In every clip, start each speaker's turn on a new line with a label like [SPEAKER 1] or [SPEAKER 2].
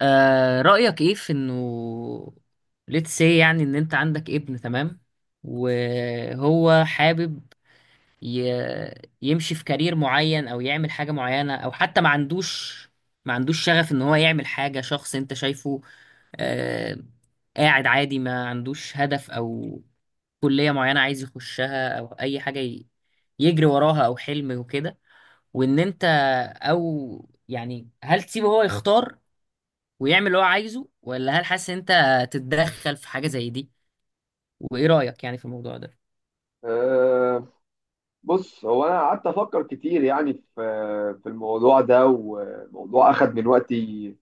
[SPEAKER 1] آه، رأيك ايه في انه let's say يعني ان انت عندك ابن؟ تمام. وهو حابب ي... يمشي في كارير معين او يعمل حاجة معينة، او حتى ما عندوش شغف ان هو يعمل حاجة شخص انت شايفه آه قاعد عادي، ما عندوش هدف او كلية معينة عايز يخشها، أو أي حاجة يجري وراها أو حلم وكده. وإن أنت، أو يعني هل تسيبه هو يختار ويعمل اللي هو عايزه، ولا هل حاسس إن انت تتدخل في حاجة زي دي؟ وايه رأيك يعني في الموضوع ده؟
[SPEAKER 2] أه. بص، هو انا قعدت افكر كتير يعني في الموضوع ده، وموضوع اخد من وقتي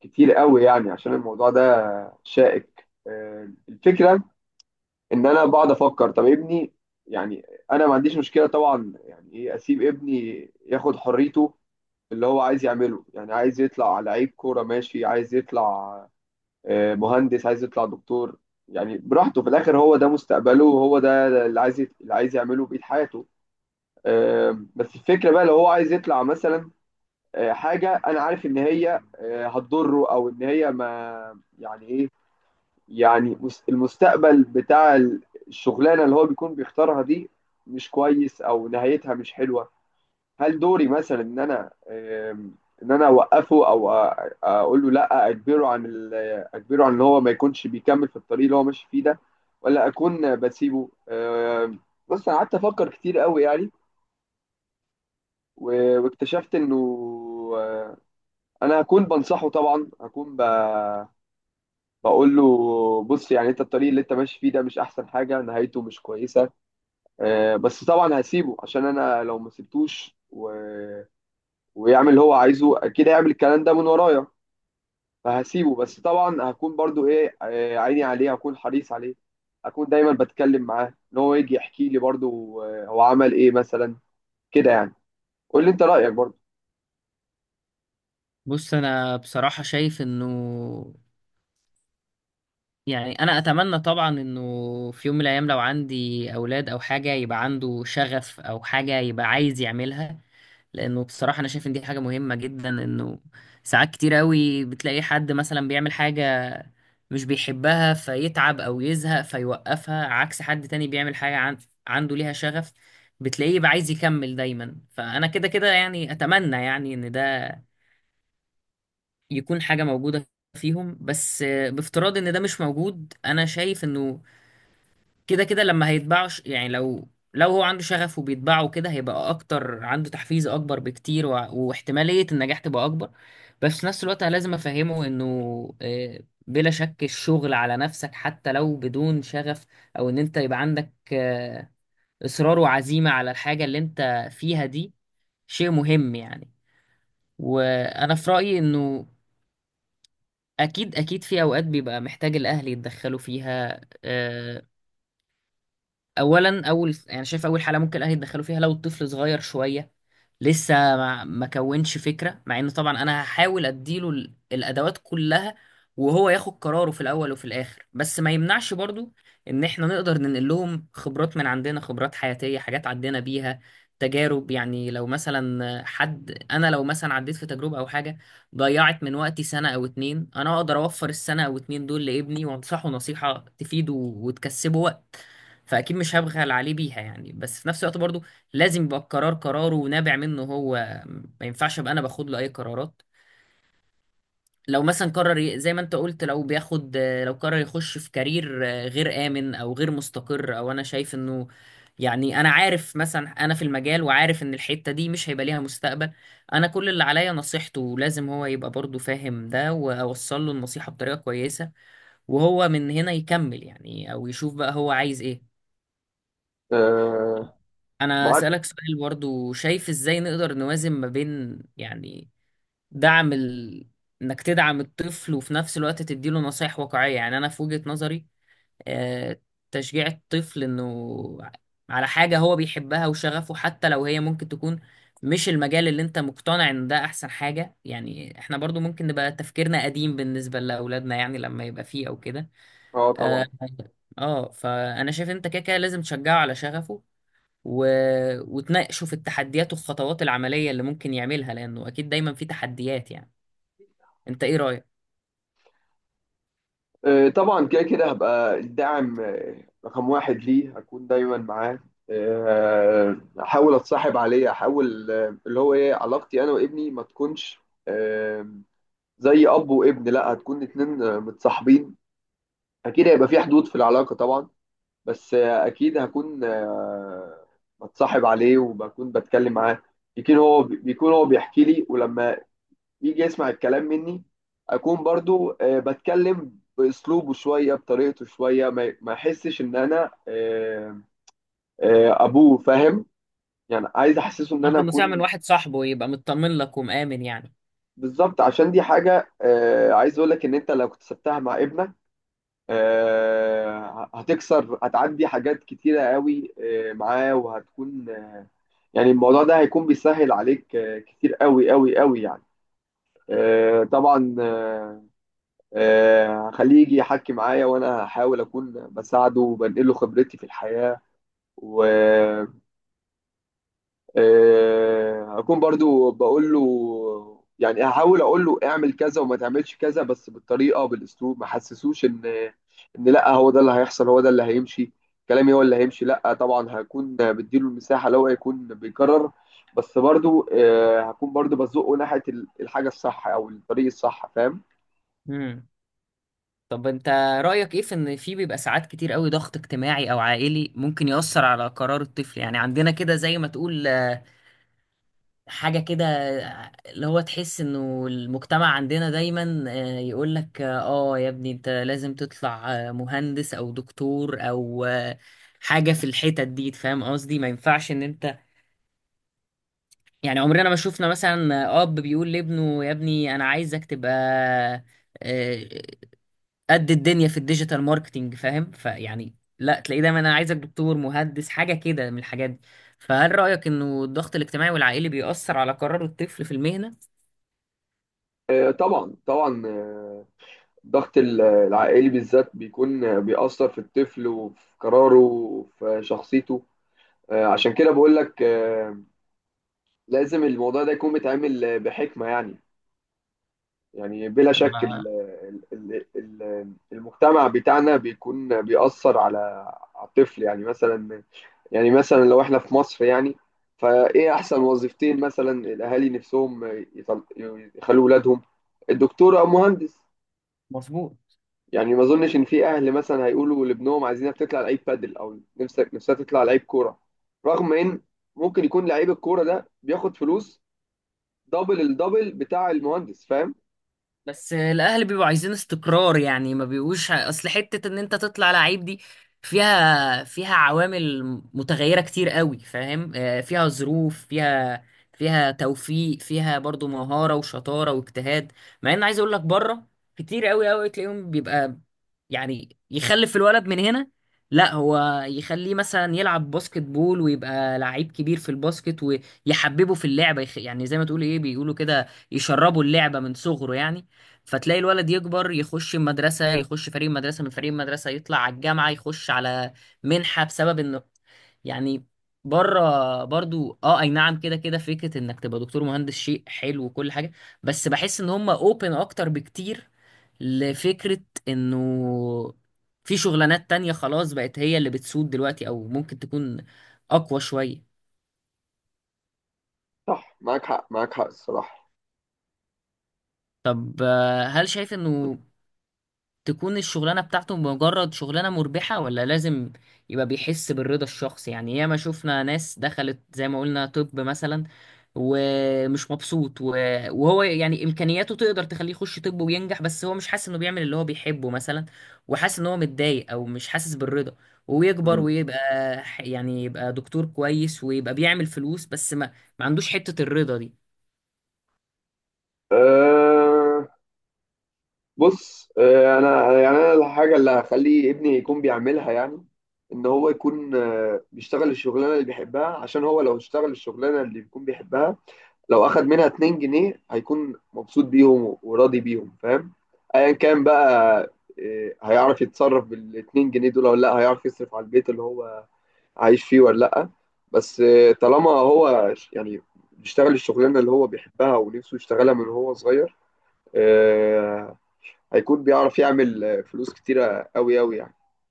[SPEAKER 2] كتير قوي يعني عشان الموضوع ده شائك. الفكره ان انا بقعد افكر، طب ابني، يعني انا ما عنديش مشكله طبعا، يعني ايه اسيب ابني ياخد حريته اللي هو عايز يعمله؟ يعني عايز يطلع لعيب كوره ماشي، عايز يطلع مهندس، عايز يطلع دكتور، يعني براحته. في الاخر هو ده مستقبله، وهو ده اللي عايز يعمله بقية حياته. بس الفكره بقى لو هو عايز يطلع مثلا حاجه انا عارف ان هي هتضره، او ان هي ما يعني ايه، يعني المستقبل بتاع الشغلانه اللي هو بيكون بيختارها دي مش كويس، او نهايتها مش حلوه. هل دوري مثلا ان انا آم، ان انا اوقفه، او اقول له لا، اجبره عن ان هو ما يكونش بيكمل في الطريق اللي هو ماشي فيه ده، ولا اكون بسيبه بص، انا قعدت افكر كتير قوي يعني واكتشفت انه آه، انا هكون بنصحه طبعا، هكون بقول له، بص يعني انت الطريق اللي انت ماشي فيه ده مش احسن حاجه، نهايته مش كويسه. بس طبعا هسيبه، عشان انا لو ما سبتوش ويعمل اللي هو عايزه اكيد هيعمل الكلام ده من ورايا. فهسيبه، بس طبعا هكون برضو ايه، عيني عليه، هكون حريص عليه، هكون دايما بتكلم معاه ان هو يجي يحكي لي برضو هو عمل ايه مثلا كده يعني. قول لي انت رايك برضو.
[SPEAKER 1] بص انا بصراحة شايف انه يعني انا اتمنى طبعا انه في يوم من الايام لو عندي اولاد او حاجة يبقى عنده شغف، او حاجة يبقى عايز يعملها. لانه بصراحة انا شايف ان دي حاجة مهمة جدا، انه ساعات كتير قوي بتلاقي حد مثلا بيعمل حاجة مش بيحبها فيتعب او يزهق فيوقفها، عكس حد تاني بيعمل حاجة عنده ليها شغف، بتلاقيه بقى عايز يكمل دايما. فانا كده كده يعني اتمنى يعني ان ده يكون حاجة موجودة فيهم. بس بافتراض ان ده مش موجود، انا شايف انه كده كده لما هيتباعوا يعني لو هو عنده شغف وبيتباعه كده هيبقى اكتر، عنده تحفيز اكبر بكتير، واحتمالية النجاح تبقى اكبر. بس في نفس الوقت انا لازم افهمه انه آه، بلا شك الشغل على نفسك حتى لو بدون شغف، او ان انت يبقى عندك اصرار وعزيمة على الحاجة اللي انت فيها دي شيء مهم يعني. وانا في رأيي انه اكيد اكيد في اوقات بيبقى محتاج الاهل يتدخلوا فيها. اولا، اول يعني شايف اول حاله ممكن الاهل يدخلوا فيها لو الطفل صغير شويه لسه ما كونش فكره، مع ان طبعا انا هحاول اديله الادوات كلها، وهو ياخد قراره في الاول وفي الاخر. بس ما يمنعش برضو ان احنا نقدر ننقل لهم خبرات من عندنا، خبرات حياتيه، حاجات عدينا بيها، تجارب. يعني لو مثلا حد، انا لو مثلا عديت في تجربه او حاجه ضيعت من وقتي سنه او اتنين، انا اقدر اوفر السنه او اتنين دول لابني وانصحه نصيحه تفيده وتكسبه وقت. فاكيد مش هبخل عليه بيها يعني. بس في نفس الوقت برضو لازم يبقى القرار قراره ونابع منه هو، ما ينفعش ابقى انا باخد له اي قرارات. لو مثلا قرر زي ما انت قلت، لو بياخد، لو قرر يخش في كارير غير امن او غير مستقر، او انا شايف انه يعني انا عارف مثلا، انا في المجال وعارف ان الحتة دي مش هيبقى ليها مستقبل، انا كل اللي عليا نصيحته. لازم هو يبقى برضو فاهم ده، واوصل له النصيحة بطريقة كويسة، وهو من هنا يكمل يعني، او يشوف بقى هو عايز ايه.
[SPEAKER 2] آه،
[SPEAKER 1] انا
[SPEAKER 2] معاك.
[SPEAKER 1] اسالك سؤال برضو، شايف ازاي نقدر نوازن ما بين يعني دعم انك تدعم الطفل وفي نفس الوقت تديله نصايح واقعية؟ يعني انا في وجهة نظري آه، تشجيع الطفل انه على حاجة هو بيحبها وشغفه، حتى لو هي ممكن تكون مش المجال اللي انت مقتنع ان ده احسن حاجة، يعني احنا برضو ممكن نبقى تفكيرنا قديم بالنسبة لاولادنا، يعني لما يبقى فيه او كده.
[SPEAKER 2] اه،
[SPEAKER 1] اه،
[SPEAKER 2] طبعا.
[SPEAKER 1] فانا شايف انت كده كده لازم تشجعه على شغفه و... وتناقشوا في التحديات والخطوات العملية اللي ممكن يعملها، لأنه أكيد دايما في تحديات يعني. أنت إيه رأيك؟
[SPEAKER 2] آه، طبعا كده كده هبقى الداعم رقم واحد ليه، هكون دايما معاه، احاول اتصاحب عليه، احاول اللي هو ايه، علاقتي انا وابني ما تكونش آه، زي اب وابن، لا هتكون اتنين متصاحبين. اكيد هيبقى في حدود في العلاقة طبعا، بس اكيد هكون بتصاحب عليه وبكون بتكلم معاه. يمكن هو بيحكي لي، ولما يجي يسمع الكلام مني اكون برضو بتكلم باسلوبه شويه، بطريقته شويه، ما يحسش ان انا ابوه فاهم يعني. عايز احسسه ان
[SPEAKER 1] باخد
[SPEAKER 2] انا
[SPEAKER 1] نصيحة من
[SPEAKER 2] اكون
[SPEAKER 1] واحد صاحبه، يبقى مطمن لك ومآمن يعني.
[SPEAKER 2] بالظبط، عشان دي حاجه عايز اقول لك ان انت لو كنت سبتها مع ابنك هتكسر، هتعدي حاجات كتيره قوي معاه، وهتكون يعني الموضوع ده هيكون بيسهل عليك كتير قوي قوي قوي يعني. آه، طبعا. هخليه يجي يحكي معايا، وانا هحاول اكون بساعده وبنقله خبرتي في الحياة، و اكون برضو بقول له، يعني هحاول اقول له اعمل كذا وما تعملش كذا، بس بالطريقة بالاسلوب ما حسسوش ان لا هو ده اللي هيحصل، هو ده اللي هيمشي، كلامي هو اللي هيمشي، لا، طبعا هكون بديله المساحة لو هيكون بيكرر، بس برضو هكون برضو بزقه ناحية الحاجة الصح او الطريق الصح، فاهم؟
[SPEAKER 1] امم طب أنت رأيك إيه في إن في بيبقى ساعات كتير قوي ضغط اجتماعي أو عائلي ممكن يأثر على قرار الطفل؟ يعني عندنا كده، زي ما تقول حاجة كده، اللي هو تحس انه المجتمع عندنا دايما يقول لك اه، يا ابني انت لازم تطلع مهندس او دكتور او حاجة في الحتت دي، فاهم قصدي؟ ما ينفعش ان انت يعني عمرنا ما شفنا مثلا اب بيقول لابنه يا ابني انا عايزك تبقى آه، آه، قد الدنيا في الديجيتال ماركتينج، فاهم؟ فيعني لا، تلاقيه دايما انا عايزك دكتور مهندس حاجة كده من الحاجات دي. فهل رأيك انه الضغط الاجتماعي والعائلي بيأثر على قرار الطفل في المهنة؟
[SPEAKER 2] آه، طبعا طبعا. الضغط العائلي بالذات بيكون بيأثر في الطفل وفي قراره وفي شخصيته. عشان كده بقول لك، لازم الموضوع ده يكون متعامل بحكمة يعني. يعني بلا شك
[SPEAKER 1] انا
[SPEAKER 2] المجتمع بتاعنا بيكون بيأثر على الطفل. يعني مثلا، لو احنا في مصر يعني، فايه احسن وظيفتين؟ مثلا الاهالي نفسهم يطل- يخلوا ولادهم الدكتور او مهندس.
[SPEAKER 1] مظبوط.
[SPEAKER 2] يعني ما اظنش ان في اهل مثلا هيقولوا لابنهم عايزينك تطلع لعيب بادل، او نفسك نفسها تطلع لعيب كوره، رغم ان ممكن يكون لعيب الكوره ده بياخد فلوس دبل الدبل بتاع المهندس، فاهم؟
[SPEAKER 1] بس الاهل بيبقوا عايزين استقرار يعني، ما بيبقوش اصل حتة ان انت تطلع لعيب دي فيها، فيها عوامل متغيرة كتير قوي، فاهم؟ فيها ظروف، فيها، فيها توفيق، فيها برضو مهارة وشطارة واجتهاد. مع ان عايز اقول لك بره كتير قوي قوي تلاقيهم بيبقى يعني يخلف الولد من هنا لا هو يخليه مثلا يلعب باسكت بول ويبقى لعيب كبير في الباسكت، ويحببه في اللعبة، يعني زي ما تقول ايه، بيقولوا كده يشربوا اللعبة من صغره يعني. فتلاقي الولد يكبر يخش المدرسة، يخش فريق مدرسة من فريق مدرسة، يطلع على الجامعة يخش على منحة بسبب انه يعني بره. برضو اه اي نعم، كده كده فكرة انك تبقى دكتور مهندس شيء حلو وكل حاجة، بس بحس ان هم اوبن اكتر بكتير لفكرة انه في شغلانات تانية خلاص بقت هي اللي بتسود دلوقتي، او ممكن تكون اقوى شوية.
[SPEAKER 2] صح، معاك حق، معاك حق الصراحه.
[SPEAKER 1] طب هل شايف انه تكون الشغلانة بتاعته مجرد شغلانة مربحة، ولا لازم يبقى بيحس بالرضا الشخصي؟ يعني ياما شفنا ناس دخلت زي ما قلنا، طب مثلا ومش مبسوط وهو يعني إمكانياته تقدر تخليه يخش طب وينجح، بس هو مش حاسس إنه بيعمل اللي هو بيحبه مثلا، وحاسس إن هو متضايق أو مش حاسس بالرضا، ويكبر
[SPEAKER 2] مم.
[SPEAKER 1] ويبقى يعني يبقى دكتور كويس ويبقى بيعمل فلوس، بس ما، ما عندوش حتة الرضا دي.
[SPEAKER 2] أه. بص، انا الحاجه اللي هخلي ابني يكون بيعملها، يعني ان هو يكون بيشتغل الشغلانه اللي بيحبها، عشان هو لو اشتغل الشغلانه اللي بيكون بيحبها، لو اخد منها 2 جنيه هيكون مبسوط بيهم وراضي بيهم، فاهم؟ ايا كان بقى، إيه، هيعرف يتصرف بالاتنين جنيه دول ولا لا، هيعرف يصرف على البيت اللي هو عايش فيه ولا لا، بس إيه، طالما هو يعني بيشتغل الشغلانه اللي هو بيحبها ونفسه يشتغلها من هو صغير، إيه، هيكون بيعرف يعمل فلوس كتيره قوي قوي يعني.